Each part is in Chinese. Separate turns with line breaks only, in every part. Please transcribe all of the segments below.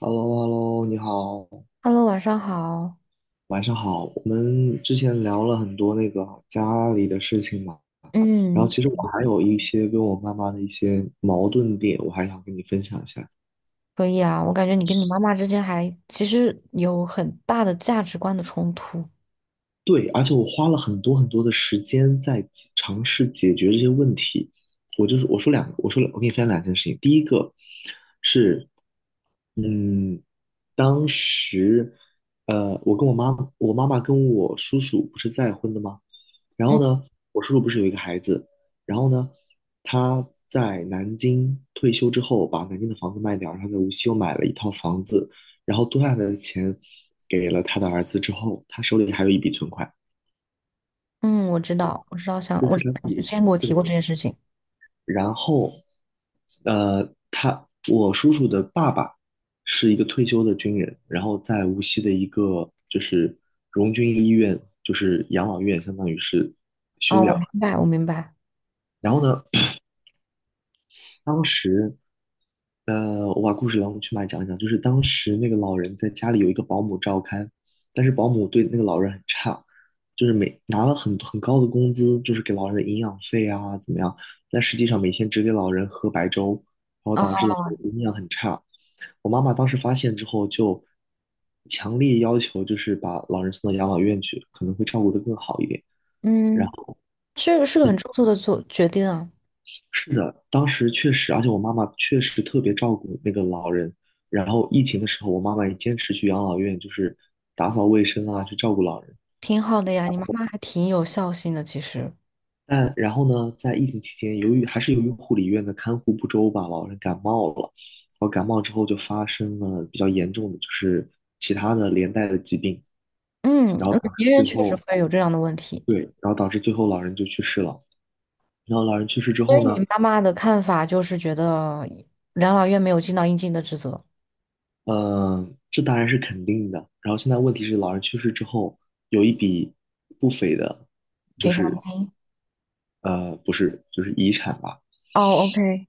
h e l l o h e l l o 你好，
Hello，晚上好。
晚上好。我们之前聊了很多家里的事情嘛，然后
嗯，
其实我还有一些跟我妈妈的一些矛盾点，我还想跟你分享一下。
可以啊。我感觉你跟你妈妈之间还其实有很大的价值观的冲突。
对，而且我花了很多很多的时间在尝试解决这些问题。我就是我说两个，我说两我给你分享两件事情。第一个是，嗯。当时，呃，我跟我妈，我妈妈跟我叔叔不是再婚的吗？然
嗯
后呢，我叔叔不是有一个孩子，然后呢，他在南京退休之后，把南京的房子卖掉，然后在无锡又买了一套房子，然后多下来的钱给了他的儿子之后，他手里还有一笔存款。
嗯，我知道，我知道，我知道你之前给我提过这件事情。
然后，呃，他我叔叔的爸爸是一个退休的军人，然后在无锡的一个就是荣军医院，就是养老院，相当于是
哦，
收
我
养。
明白，我明白。
然后呢，当时我把故事当中去脉讲一讲，就是当时那个老人在家里有一个保姆照看，但是保姆对那个老人很差，就是拿了很高的工资，就是给老人的营养费啊怎么样，但实际上每天只给老人喝白粥，然后导致
哦，
老人营养很差。我妈妈当时发现之后，就强烈要求就是把老人送到养老院去，可能会照顾得更好一点。然
嗯，
后，
这个是个很
嗯，
出色的做决定啊，
是的，当时确实，而且我妈妈确实特别照顾那个老人。然后疫情的时候，我妈妈也坚持去养老院，就是打扫卫生啊，去照顾老人。
挺好的呀。你妈妈还挺有孝心的，其实。
但然后呢，在疫情期间，由于护理院的看护不周吧，老人感冒了。然后感冒之后就发生了比较严重的，就是其他的连带的疾病。
嗯，
然后当
别
时
人
最
确实
后
会有这样的问题，
对，然后导致最后老人就去世了。然后老人去世之
所
后
以你
呢，
妈妈的看法就是觉得养老院没有尽到应尽的职责，
嗯，这当然是肯定的。然后现在问题是，老人去世之后有一笔不菲的，
赔偿金。
呃，不是，就是遗产吧，
哦，OK，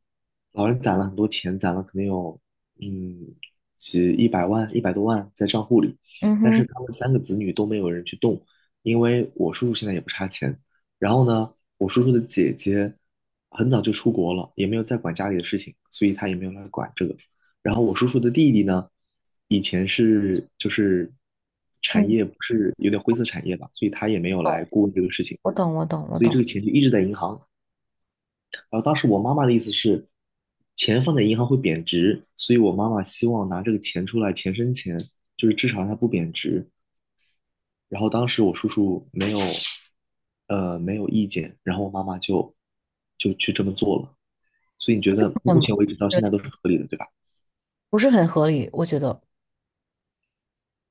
老人攒了很多钱，攒了可能有嗯一百万、一百多万在账户里，
嗯
但
哼。
是他们三个子女都没有人去动，因为我叔叔现在也不差钱。然后呢，我叔叔的姐姐很早就出国了，也没有再管家里的事情，所以他也没有来管这个。然后我叔叔的弟弟呢，以前是就是产
嗯。
业不是有点灰色产业吧，所以他也没有来过问这个事情，
我懂，我懂，我
所以
懂，
这个钱就一直在银行。然后当时我妈妈的意思是，钱放在银行会贬值，所以我妈妈希望拿这个钱出来钱生钱，就是至少它不贬值。然后当时我叔叔没有意见，然后我妈妈就去这么做了。所以你觉得目
嗯，
前为止到现在都是合理的，对吧？
不是很合理，我觉得，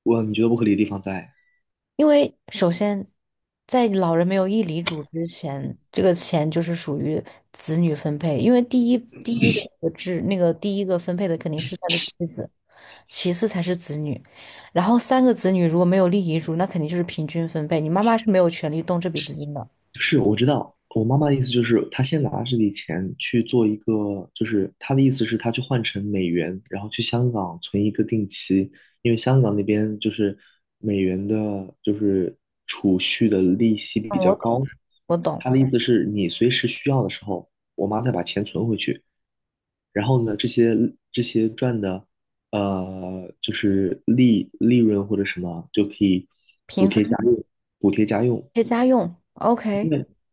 你觉得不合理的地方在？
因为首先，在老人没有立遗嘱之前，这个钱就是属于子女分配，因为第一的那个制那个第一个分配的肯定是他的妻子，其次才是子女，然后三个子女如果没有立遗嘱，那肯定就是平均分配，你妈妈是没有权利动这笔资金的。
是，我知道。我妈妈的意思就是，她先拿这笔钱去做一个，就是她的意思是，她去换成美元，然后去香港存一个定期，因为香港那边就是美元的，就是储蓄的利息比
嗯，
较
我懂，
高。
我懂，
她的意思是你随时需要的时候，我妈再把钱存回去，然后呢，这些赚的，呃，就是利润或者什么，就可以补
平
贴家
分
用，补贴家用。
配家用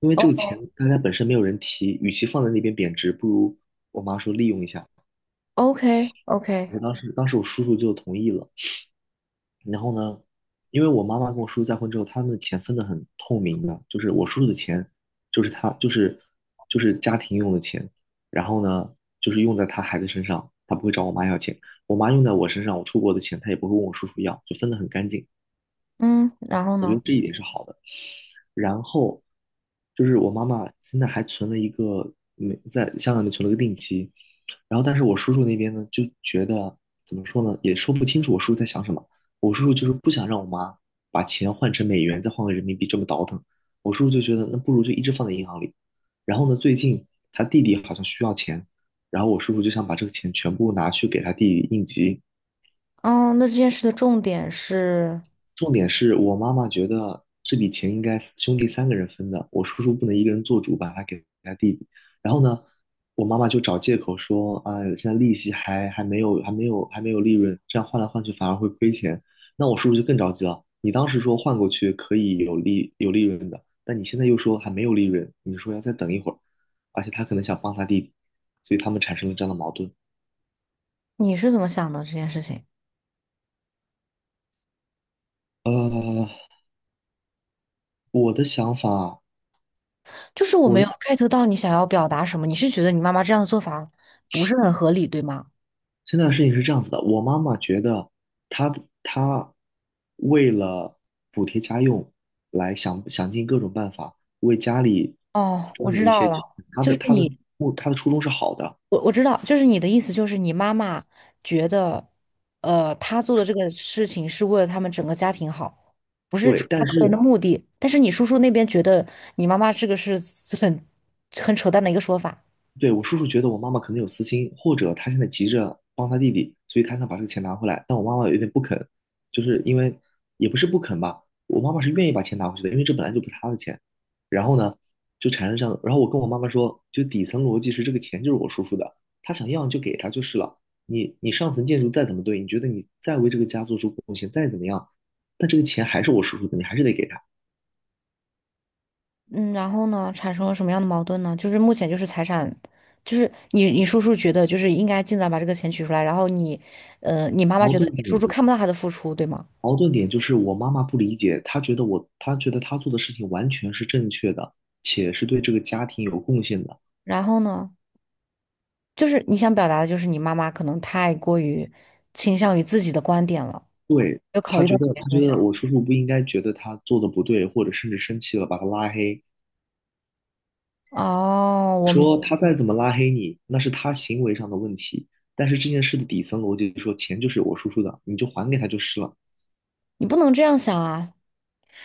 因为这个钱
，OK，OK，OK，OK，
大家本身没有人提，与其放在那边贬值，不如我妈说利用一下。而当时当时我叔叔就同意了。然后呢，因为我妈妈跟我叔叔再婚之后，他们的钱分得很透明的，就是我叔叔的钱就是他就是就是家庭用的钱，然后呢就是用在他孩子身上，他不会找我妈要钱。我妈用在我身上，我出国的钱他也不会问我叔叔要，就分得很干净。
嗯，然后
我觉
呢？
得这一点是好的。然后就是我妈妈现在还存了一个没在香港里面存了个定期，然后但是我叔叔那边呢就觉得怎么说呢，也说不清楚我叔叔在想什么。我叔叔就是不想让我妈把钱换成美元，再换个人民币这么倒腾。我叔叔就觉得那不如就一直放在银行里。然后呢，最近他弟弟好像需要钱，然后我叔叔就想把这个钱全部拿去给他弟弟应急。
哦，那这件事的重点是，
重点是我妈妈觉得这笔钱应该兄弟三个人分的，我叔叔不能一个人做主，把它给他弟弟。然后呢，我妈妈就找借口说啊，现在利息还没有利润，这样换来换去反而会亏钱。那我叔叔就更着急了，你当时说换过去可以有利润的，但你现在又说还没有利润，你说要再等一会儿，而且他可能想帮他弟弟，所以他们产生了这样的矛盾。
你是怎么想的？这件事情，
呃，我的想法。
就是我没有
我。
get 到你想要表达什么。你是觉得你妈妈这样的做法不是很合理，对吗？
现在的事情是这样子的，我妈妈觉得她她为了补贴家用，想尽各种办法为家里
哦，我
赚了
知
一
道
些
了，
钱，她
就
的
是
她的
你，
她的初衷是好的，
我知道，就是你的意思，就是你妈妈觉得，她做的这个事情是为了他们整个家庭好，不是出
对，
于她
但
个人的
是
目的。但是你叔叔那边觉得你妈妈这个是很很扯淡的一个说法。
对，我叔叔觉得我妈妈可能有私心，或者他现在急着帮他弟弟，所以他想把这个钱拿回来。但我妈妈有点不肯，就是因为也不是不肯吧，我妈妈是愿意把钱拿回去的，因为这本来就不是她的钱。然后呢，就产生这样，然后我跟我妈妈说，就底层逻辑是这个钱就是我叔叔的，他想要你就给他就是了。你上层建筑再怎么对，你觉得你再为这个家做出贡献，再怎么样，但这个钱还是我叔叔的，你还是得给他。
嗯，然后呢，产生了什么样的矛盾呢？就是目前就是财产，就是你叔叔觉得就是应该尽早把这个钱取出来，然后你妈妈
矛
觉得
盾
你叔叔
点
看不到他的付出，对吗？
矛盾点就是我妈妈不理解，她觉得她做的事情完全是正确的，且是对这个家庭有贡献的。
然后呢，就是你想表达的就是你妈妈可能太过于倾向于自己的观点了，没有考虑到别
她
人
觉
的想
得
法。
我叔叔不应该觉得她做的不对，或者甚至生气了把她拉黑，
哦，
说他再怎么拉黑你，那是他行为上的问题。但是这件事的底层逻辑是说，钱就是我叔叔的，你就还给他就是了。
你不能这样想啊。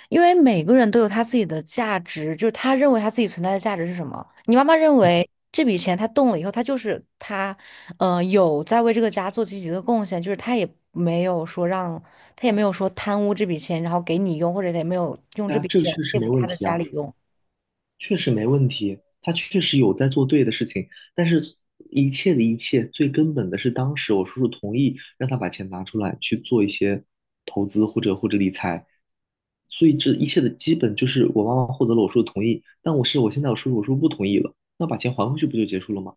因为每个人都有他自己的价值，就是他认为他自己存在的价值是什么。你妈妈认为这笔钱他动了以后，他就是他，嗯、有在为这个家做积极的贡献，就是他也没有说让，他也没有说贪污这笔钱，然后给你用，或者也没有用
对
这
啊，
笔
这个
钱
确实
对
没
付他
问
的
题
家
啊。
里用。
确实没问题，他确实有在做对的事情，但是一切的一切，最根本的是当时我叔叔同意让他把钱拿出来去做一些投资或者理财，所以这一切的基本就是我妈妈获得了我叔叔同意，但我是我现在我叔叔我叔叔不同意了，那把钱还回去不就结束了吗？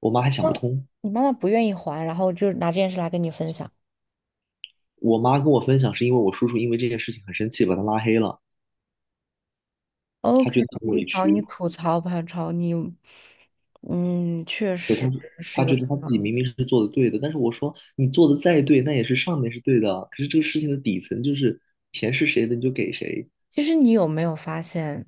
我妈还想不
那
通。
你妈妈不愿意还，然后就拿这件事来跟你分享。
我妈跟我分享是因为我叔叔因为这件事情很生气，把他拉黑了，她
OK，
觉得很
你
委
找你
屈。
吐槽吧，找你，嗯，确实是一
他觉
个。
得他自己明明是做的对的，但是我说你做的再对，那也是上面是对的啊，可是这个事情的底层就是钱是谁的你就给谁。
其实你有没有发现，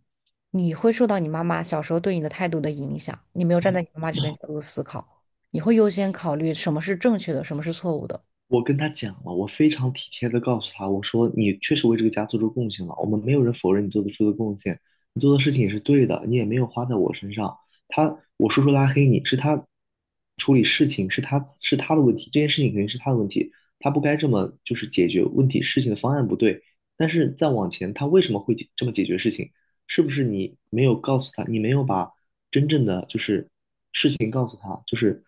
你会受到你妈妈小时候对你的态度的影响？你没有站在你妈妈这边角度思考，你会优先考虑什么是正确的，什么是错误的。
我跟他讲了，我非常体贴的告诉他，我说你确实为这个家做出贡献了，我们没有人否认你做得出的贡献，你做的事情也是对的，你也没有花在我身上。我叔叔拉黑你是他处理事情是他的问题，这件事情肯定是他的问题，他不该这么就是解决问题事情的方案不对。但是再往前，他为什么会解这么解决事情？是不是你没有告诉他，你没有把真正的就是情告诉他，就是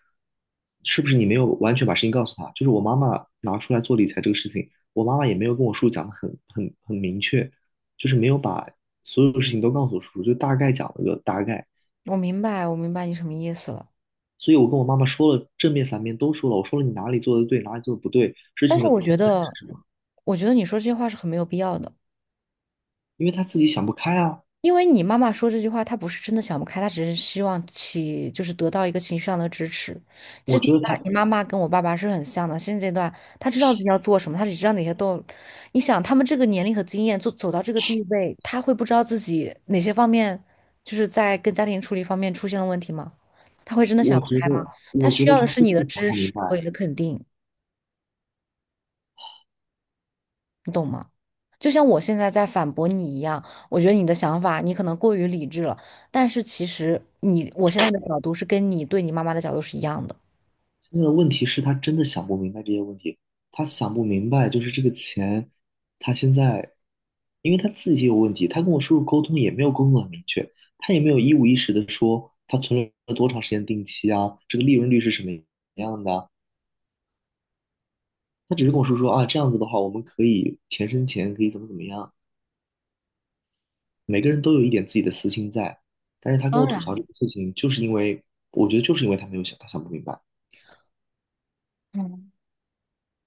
是不是你没有完全把事情告诉他？就是我妈妈拿出来做理财这个事情，我妈妈也没有跟我叔叔讲的很明确，就是没有把所有的事情都告诉我叔叔，就大概讲了个大概。
我明白，我明白你什么意思了。
所以我跟我妈妈说了正面反面都说了，我说了你哪里做的对，哪里做的不对，事
但
情
是
的根
我觉
本
得，
是什么？
你说这些话是很没有必要的。
因为她自己想不开啊。
因为你妈妈说这句话，她不是真的想不开，她只是希望起，就是得到一个情绪上的支持。其
我
实
觉得她，
你妈妈跟我爸爸是很像的，现阶段她知道自己要做什么，她只知道哪些都。你想，他们这个年龄和经验，走到这个地位，他会不知道自己哪些方面，就是在跟家庭处理方面出现了问题吗？他会真的想不开吗？他
我觉
需
得
要的
她
是
真
你
的
的
想
支
不明
持和你
白。
的肯定。就像我现在在反驳你一样，我觉得你的想法你可能过于理智了，但是其实我现在的角度是跟你对你妈妈的角度是一样的。
现在的问题是他真的想不明白这些问题，他想不明白就是这个钱，他现在，因为他自己也有问题，他跟我叔叔沟通也没有沟通很明确，他也没有一五一十的说他存了多长时间定期啊，这个利润率是什么样的啊他只是跟我叔说啊，这样子的话我们可以钱生钱，可以怎么怎么样，每个人都有一点自己的私心在，但是他跟
当
我吐槽
然，
这个事情，就是因为我觉得就是因为他没有想，他想不明白。
嗯，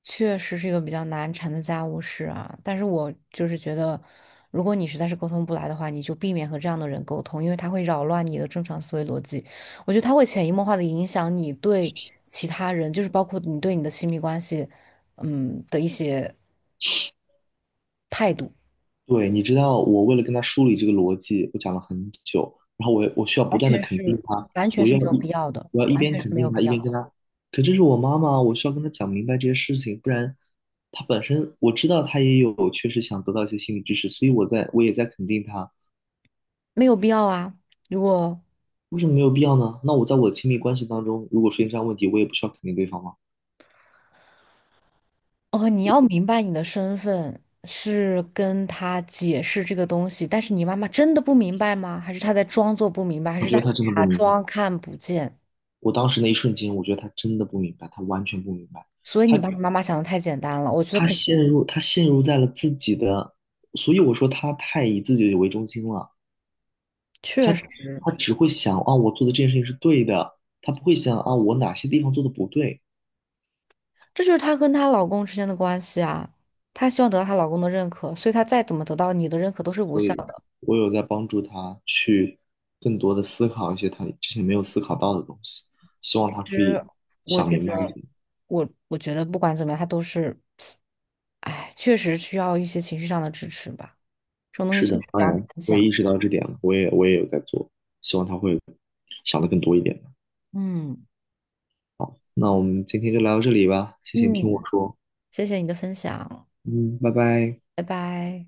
确实是一个比较难缠的家务事啊，但是我就是觉得，如果你实在是沟通不来的话，你就避免和这样的人沟通，因为他会扰乱你的正常思维逻辑。我觉得他会潜移默化的影响你对其他人，就是包括你对你的亲密关系，的一些态度。
对，你知道，我为了跟他梳理这个逻辑，我讲了很久，然后我需要不
完
断的
全
肯定
是
他，
完全
我
是
要
没有必
一
要的，
我要一
完
边
全是
肯
没有
定他，
必
一
要，
边跟他，可这是我妈妈，我需要跟他讲明白这些事情，不然他本身我知道他也有确实想得到一些心理知识，所以我也在肯定他。
没有必要啊！如果
为什么没有必要呢？那我在我的亲密关系当中，如果出现这样问题，我也不需要肯定对方吗？
哦，你要明白你的身份是跟他解释这个东西，但是你妈妈真的不明白吗？还是她在装作不明白，还
我
是
觉
她
得
在
他真的不
假
明白。
装看不见？
我当时那一瞬间，我觉得他真的不明白，他完全不明白。
所以你
他
把你妈妈想的太简单了，我觉得
他
肯定
陷入，他陷入在了自己的，所以我说他太以自己为中心了。他
确实，
他只会想啊，我做的这件事情是对的，他不会想啊，我哪些地方做的不对。
这就是她跟她老公之间的关系啊。她希望得到她老公的认可，所以她再怎么得到你的认可都是无
所
效
以，
的。
我有在帮助他去更多的思考一些他之前没有思考到的东西，希望他
其
可以
实我
想
觉
明白一
得，
点。
我觉得不管怎么样，他都是，哎，确实需要一些情绪上的支持吧。这种东西
是
确实
的，
比
当
较难
然，我也
讲。
意识到这点了，我也有在做，希望他会想的更多一点。
嗯
好，那我们今天就聊到这里吧，谢谢你听我
嗯，
说。
谢谢你的分享，
嗯，拜拜。
拜拜。